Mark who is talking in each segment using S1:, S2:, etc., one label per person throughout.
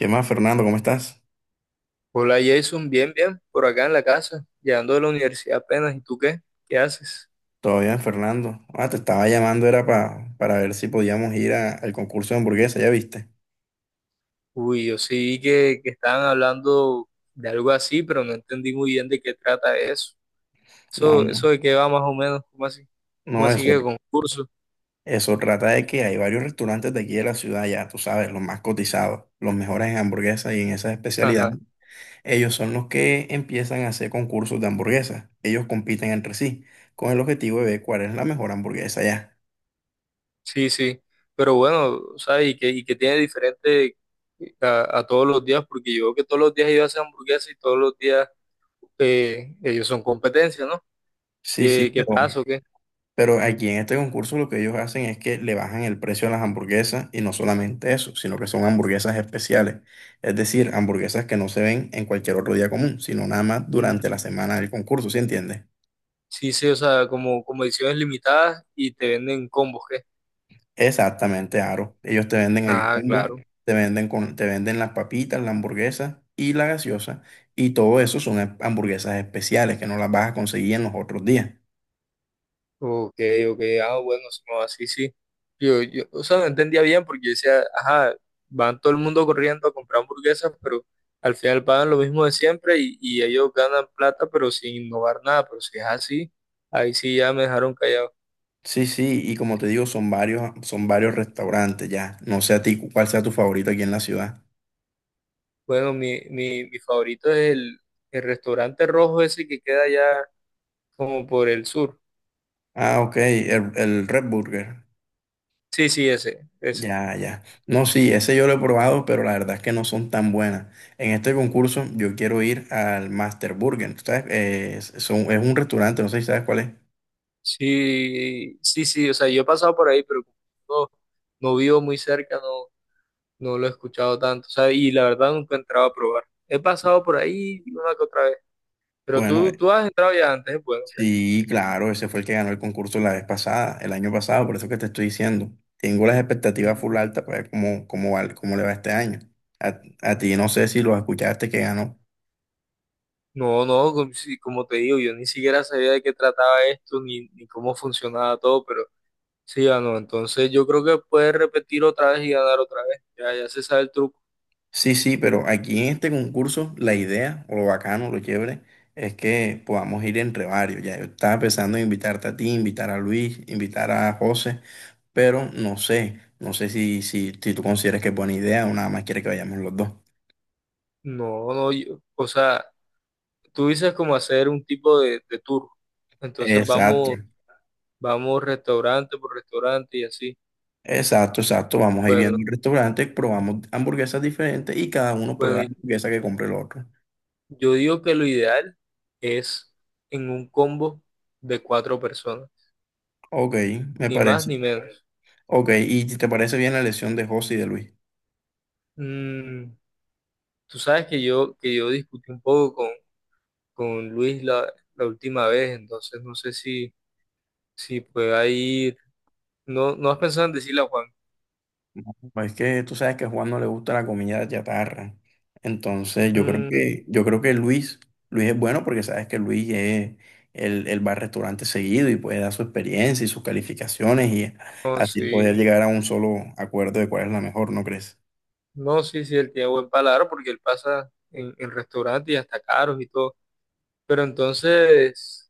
S1: ¿Qué más, Fernando? ¿Cómo estás?
S2: Hola Jason, bien, bien, por acá en la casa, llegando de la universidad apenas. ¿Y tú qué? ¿Qué haces?
S1: ¿Todo bien, Fernando? Te estaba llamando, era para ver si podíamos ir al concurso de hamburguesa, ¿ya viste?
S2: Uy, yo sí vi que estaban hablando de algo así, pero no entendí muy bien de qué trata eso.
S1: No,
S2: Eso,
S1: no,
S2: eso de qué va más o menos, ¿cómo así? ¿Cómo
S1: no,
S2: así
S1: eso,
S2: que concurso?
S1: eso trata de que hay varios restaurantes de aquí de la ciudad, ya tú sabes, los más cotizados, los mejores en hamburguesas y en esas especialidades.
S2: Ajá,
S1: Ellos son los que empiezan a hacer concursos de hamburguesas. Ellos compiten entre sí con el objetivo de ver cuál es la mejor hamburguesa ya.
S2: sí, sí. Pero bueno, ¿sabes? Y que tiene diferente a todos los días, porque yo veo que todos los días ellos hacen hamburguesas y todos los días ellos son competencia, ¿no?
S1: Sí, sí,
S2: ¿Qué
S1: pero
S2: pasa o qué?
S1: Pero aquí en este concurso lo que ellos hacen es que le bajan el precio a las hamburguesas y no solamente eso, sino que son hamburguesas especiales. Es decir, hamburguesas que no se ven en cualquier otro día común, sino nada más durante la
S2: Mm,
S1: semana del concurso, ¿sí entiendes?
S2: sí, sí, o sea, como ediciones limitadas y te venden combos, ¿qué?
S1: Exactamente, Aro. Ellos te venden el
S2: Ah,
S1: combo,
S2: claro.
S1: te venden te venden las papitas, la hamburguesa y la gaseosa. Y todo eso son hamburguesas especiales que no las vas a conseguir en los otros días.
S2: Ok, ok, ah, bueno, sí, no, así sí. Yo, o sea, no entendía bien porque yo decía, ajá, van todo el mundo corriendo a comprar hamburguesas, pero al final pagan lo mismo de siempre y ellos ganan plata, pero sin innovar nada. Pero si es así, ahí sí ya me dejaron callado.
S1: Sí, sí, y como te digo, son varios restaurantes ya. No sé a ti cuál sea tu favorito aquí en la ciudad.
S2: Bueno, mi favorito es el restaurante rojo ese que queda allá como por el sur.
S1: Ah, ok, el Red Burger.
S2: Sí, sí, ese, ese.
S1: Ya, ya. No, sí, ese yo lo he probado, pero la verdad es que no son tan buenas. En este concurso yo quiero ir al Master Burger. ¿Tú sabes? Es, es un restaurante, no sé si sabes cuál es.
S2: Sí, sí, sí, o sea, yo he pasado por ahí, pero como no, no vivo muy cerca, no, no lo he escuchado tanto, o sea, y la verdad nunca he entrado a probar. He pasado por ahí una que otra vez, pero
S1: Bueno,
S2: tú has entrado ya antes, ¿eh? Bueno, ¿qué?
S1: sí, claro, ese fue el que ganó el concurso la vez pasada, el año pasado, por eso que te estoy diciendo. Tengo las expectativas full
S2: Mm,
S1: altas para ver cómo, cómo le va este año. A ti no sé si lo escuchaste que ganó.
S2: no, no, como, sí, como te digo, yo ni siquiera sabía de qué trataba esto, ni cómo funcionaba todo, pero sí ganó, entonces yo creo que puedes repetir otra vez y ganar otra vez, ya, ya se sabe el truco.
S1: Sí, sí, pero aquí en este concurso la idea, o lo bacano, lo chévere, es que podamos ir entre varios. Ya yo estaba pensando en invitarte a ti, invitar a Luis, invitar a José, pero no sé, no sé si, si tú consideras que es buena idea o nada más quieres que vayamos los dos.
S2: No, no, o sea, tú dices como hacer un tipo de tour, entonces
S1: Exacto,
S2: vamos. Vamos restaurante por restaurante y así.
S1: exacto, exacto. Vamos a ir viendo
S2: Bueno,
S1: el restaurante, probamos hamburguesas diferentes y cada uno
S2: bueno,
S1: prueba
S2: bueno,
S1: la hamburguesa que compre el otro.
S2: yo digo que lo ideal es en un combo de cuatro personas,
S1: Ok, me
S2: ni más ni
S1: parece.
S2: menos.
S1: Ok, ¿y te parece bien la elección de José y de Luis?
S2: Mm, tú sabes que yo discutí un poco con Luis la última vez, entonces no sé si pueda ir. No, no has pensado en decirle a Juan.
S1: Pues es que tú sabes que a Juan no le gusta la comida de chatarra. Entonces,
S2: Mm,
S1: yo creo que Luis, Luis es bueno porque sabes que Luis es, él va al restaurante seguido y puede dar su experiencia y sus calificaciones y
S2: no,
S1: así poder
S2: sí.
S1: llegar a un solo acuerdo de cuál es la mejor, ¿no crees?
S2: No, sí, sí, él tiene buen paladar porque él pasa en restaurantes y hasta caros y todo. Pero entonces.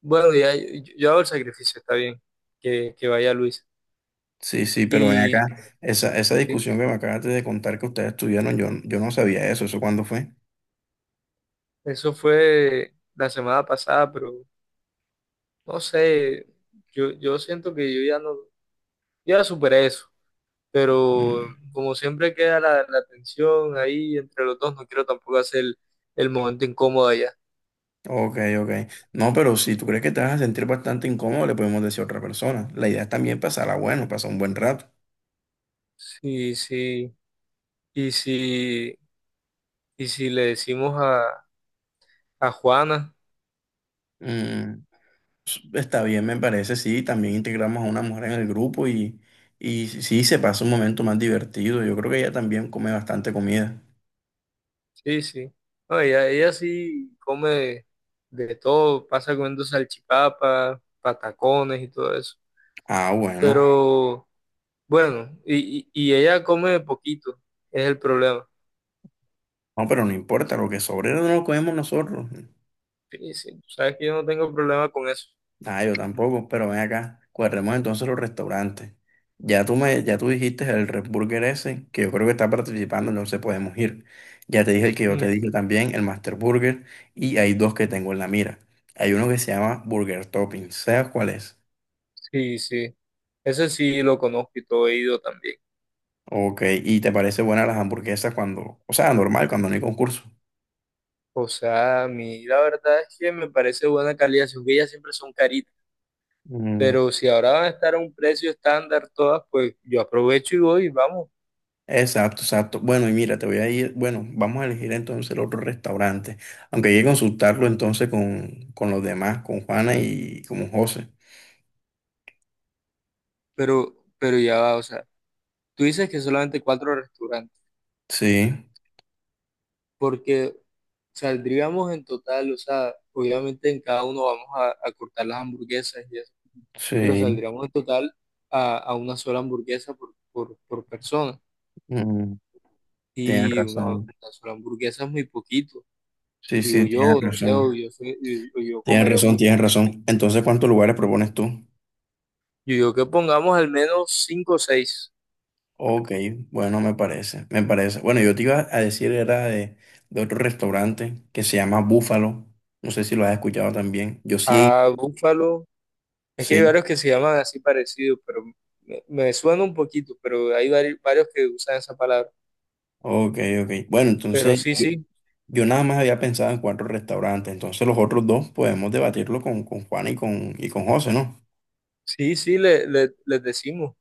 S2: Bueno, ya, yo hago el sacrificio, está bien, que vaya Luis.
S1: Sí, sí, pero ven
S2: Y
S1: acá, esa
S2: sí,
S1: discusión que me acabaste de contar que ustedes tuvieron, yo no sabía eso, ¿eso cuándo fue?
S2: eso fue la semana pasada, pero no sé, yo siento que yo ya no, yo ya superé eso, pero
S1: Mm,
S2: como siempre queda la tensión ahí entre los dos, no quiero tampoco hacer el momento incómodo allá.
S1: Ok, ok. No, pero si tú crees que te vas a sentir bastante incómodo, le podemos decir a otra persona. La idea es también pasarla bueno, pasar un buen rato.
S2: Sí, sí, y si, y si le decimos a Juana.
S1: Mm, está bien, me parece, sí. También integramos a una mujer en el grupo y sí, se pasa un momento más divertido. Yo creo que ella también come bastante comida.
S2: Sí, sí. No, ella sí come de todo, pasa comiendo salchipapas, patacones y todo eso.
S1: Ah, bueno.
S2: Pero bueno, y ella come poquito, es el problema.
S1: No, pero no importa, lo que sobre no lo comemos nosotros.
S2: Sí, sí. Tú sabes que yo no tengo problema con eso.
S1: Ah, yo tampoco, pero ven acá. Cuadremos entonces los restaurantes. Ya tú me, ya tú dijiste el Red Burger ese, que yo creo que está participando, entonces podemos ir. Ya te dije el que yo te
S2: Mm,
S1: dije también, el Master Burger, y hay dos que tengo en la mira. Hay uno que se llama Burger Topping. ¿Sabes cuál es?
S2: sí, sí. Ese sí lo conozco y todo he ido también.
S1: Ok, ¿y te parece buena las hamburguesas cuando, o sea, normal, cuando no hay concurso?
S2: O sea, a mí la verdad es que me parece buena calidad, aunque ellas siempre son caritas.
S1: Mm,
S2: Pero si ahora van a estar a un precio estándar todas, pues yo aprovecho y voy, vamos.
S1: exacto, exacto. Bueno, y mira, te voy a ir, bueno, vamos a elegir entonces el otro restaurante, aunque hay que consultarlo entonces con los demás, con Juana y con José.
S2: Pero ya va, o sea. Tú dices que solamente cuatro restaurantes,
S1: Sí,
S2: porque saldríamos en total, o sea, obviamente en cada uno vamos a cortar las hamburguesas y eso, pero
S1: sí,
S2: saldríamos en total a una sola hamburguesa por persona.
S1: mm, tienes
S2: Y una
S1: razón.
S2: sola hamburguesa es muy poquito.
S1: Sí,
S2: Digo
S1: sí, tienes
S2: yo, no sé, o
S1: razón.
S2: yo, soy- yo
S1: Tienes
S2: comeré
S1: razón,
S2: mucho.
S1: tienes razón. Entonces, ¿cuántos lugares propones tú?
S2: Yo digo que pongamos al menos cinco o seis.
S1: Ok, bueno, me parece, me parece. Bueno, yo te iba a decir, era de otro restaurante que se llama Búfalo. No sé si lo has escuchado también. Yo sí he
S2: A
S1: ido.
S2: Búfalo. Es que hay
S1: Sí,
S2: varios que se llaman así parecido, pero me suena un poquito, pero hay varios que usan esa palabra.
S1: ok, ok. Bueno,
S2: Pero
S1: entonces
S2: sí,
S1: yo,
S2: sí.
S1: yo nada más había pensado en cuatro restaurantes. Entonces los otros dos podemos debatirlo con Juan y con José, ¿no?
S2: Sí, sí, les decimos,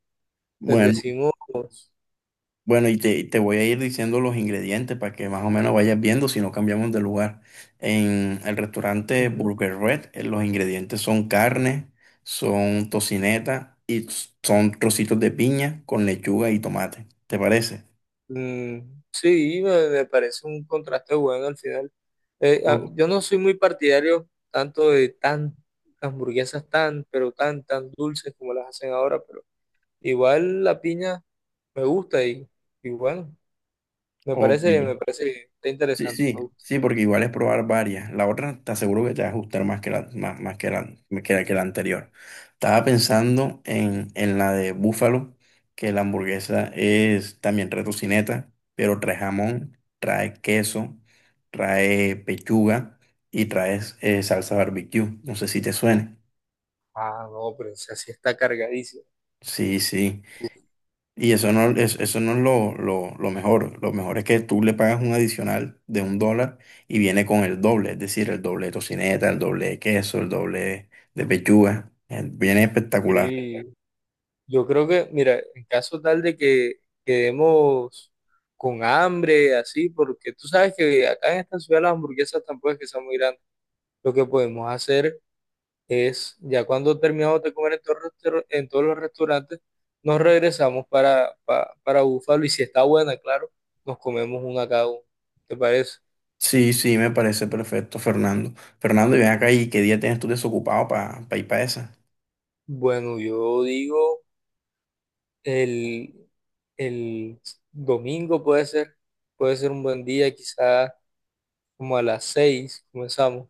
S2: les
S1: Bueno,
S2: decimos.
S1: bueno, y te voy a ir diciendo los ingredientes para que más o menos vayas viendo si no cambiamos de lugar. En el restaurante
S2: Ujú.
S1: Burger Red, los ingredientes son carne, son tocineta y son trocitos de piña con lechuga y tomate. ¿Te parece?
S2: Mm, sí, me parece un contraste bueno al final. Ah,
S1: O-
S2: yo no soy muy partidario tanto de tan hamburguesas tan, pero tan, tan dulces como las hacen ahora, pero igual la piña me gusta y bueno,
S1: Ok.
S2: me parece bien, está
S1: Sí,
S2: interesante, me
S1: sí,
S2: gusta.
S1: sí, porque igual es probar varias. La otra te aseguro que te va a gustar más que la, más, más que la, que la, que la anterior. Estaba pensando en la de búfalo, que la hamburguesa es también retocineta, pero trae jamón, trae queso, trae pechuga y trae salsa barbecue. No sé si te suene.
S2: Ah, no, pero esa sí está cargadísima.
S1: Sí, sí. Y eso no, eso no es lo mejor. Lo mejor es que tú le pagas un adicional de $1 y viene con el doble, es decir, el doble de tocineta, el doble de queso, el doble de pechuga. Viene espectacular.
S2: Sí, yo creo que, mira, en caso tal de que quedemos con hambre, así, porque tú sabes que acá en esta ciudad las hamburguesas tampoco es que sean muy grandes. Lo que podemos hacer es, ya cuando terminamos de comer en todos los restaurantes, nos regresamos para Búfalo y si está buena, claro, nos comemos una cada uno. ¿Te parece?
S1: Sí, sí, me parece perfecto, Fernando. Fernando, y ven acá y qué día tienes tú desocupado para ir para esa.
S2: Bueno, yo digo, el, el domingo puede ser un buen día, quizás. Como a las seis comenzamos.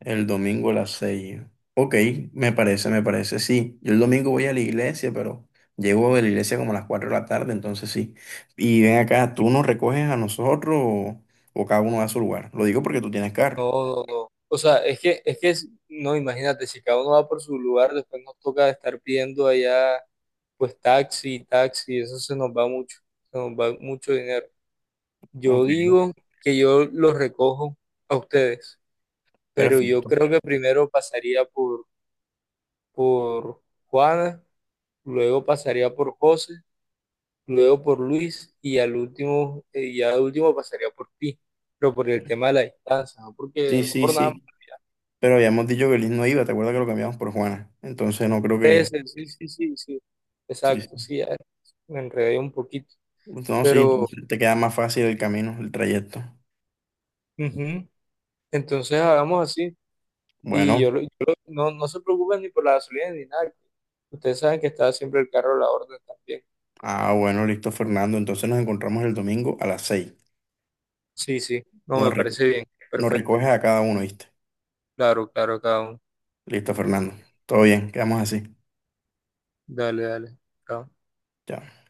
S1: El domingo a las 6. Ok, me parece, sí. Yo el domingo voy a la iglesia, pero llego de la iglesia como a las 4 de la tarde, entonces sí. Y ven acá, ¿tú nos recoges a nosotros o cada uno va a su lugar? Lo digo porque tú tienes carro.
S2: No, no, no. O sea, es que, no, imagínate, si cada uno va por su lugar, después nos toca estar pidiendo allá, pues taxi, taxi, eso se nos va mucho, se nos va mucho dinero. Yo
S1: Ok,
S2: digo que yo los recojo a ustedes, pero yo
S1: perfecto.
S2: creo que primero pasaría por Juana, luego pasaría por José, luego por Luis y al último, ya al último pasaría por ti, pero por el tema de la distancia, no
S1: Sí,
S2: porque, no
S1: sí,
S2: por nada.
S1: sí. Pero habíamos dicho que Liz no iba, ¿te acuerdas que lo cambiamos por Juana? Entonces no creo que...
S2: Ese, sí, sí, sí, sí.
S1: Sí,
S2: Exacto,
S1: sí.
S2: sí, ya me enredé un poquito.
S1: No, sí,
S2: Pero,
S1: entonces te queda más fácil el camino, el trayecto.
S2: ujú, entonces hagamos así. Y
S1: Bueno,
S2: yo, no, no se preocupen ni por la gasolina ni nada. Ustedes saben que está siempre el carro a la orden también.
S1: ah, bueno, listo, Fernando. Entonces nos encontramos el domingo a las seis.
S2: Sí, sí, no
S1: Nos,
S2: me
S1: reco-
S2: parece bien.
S1: nos
S2: Perfecto.
S1: recoges a cada uno, ¿viste?
S2: Claro, claro, cada uno.
S1: Listo, Fernando. Todo bien, quedamos así.
S2: Dale, dale. Chao.
S1: Chao.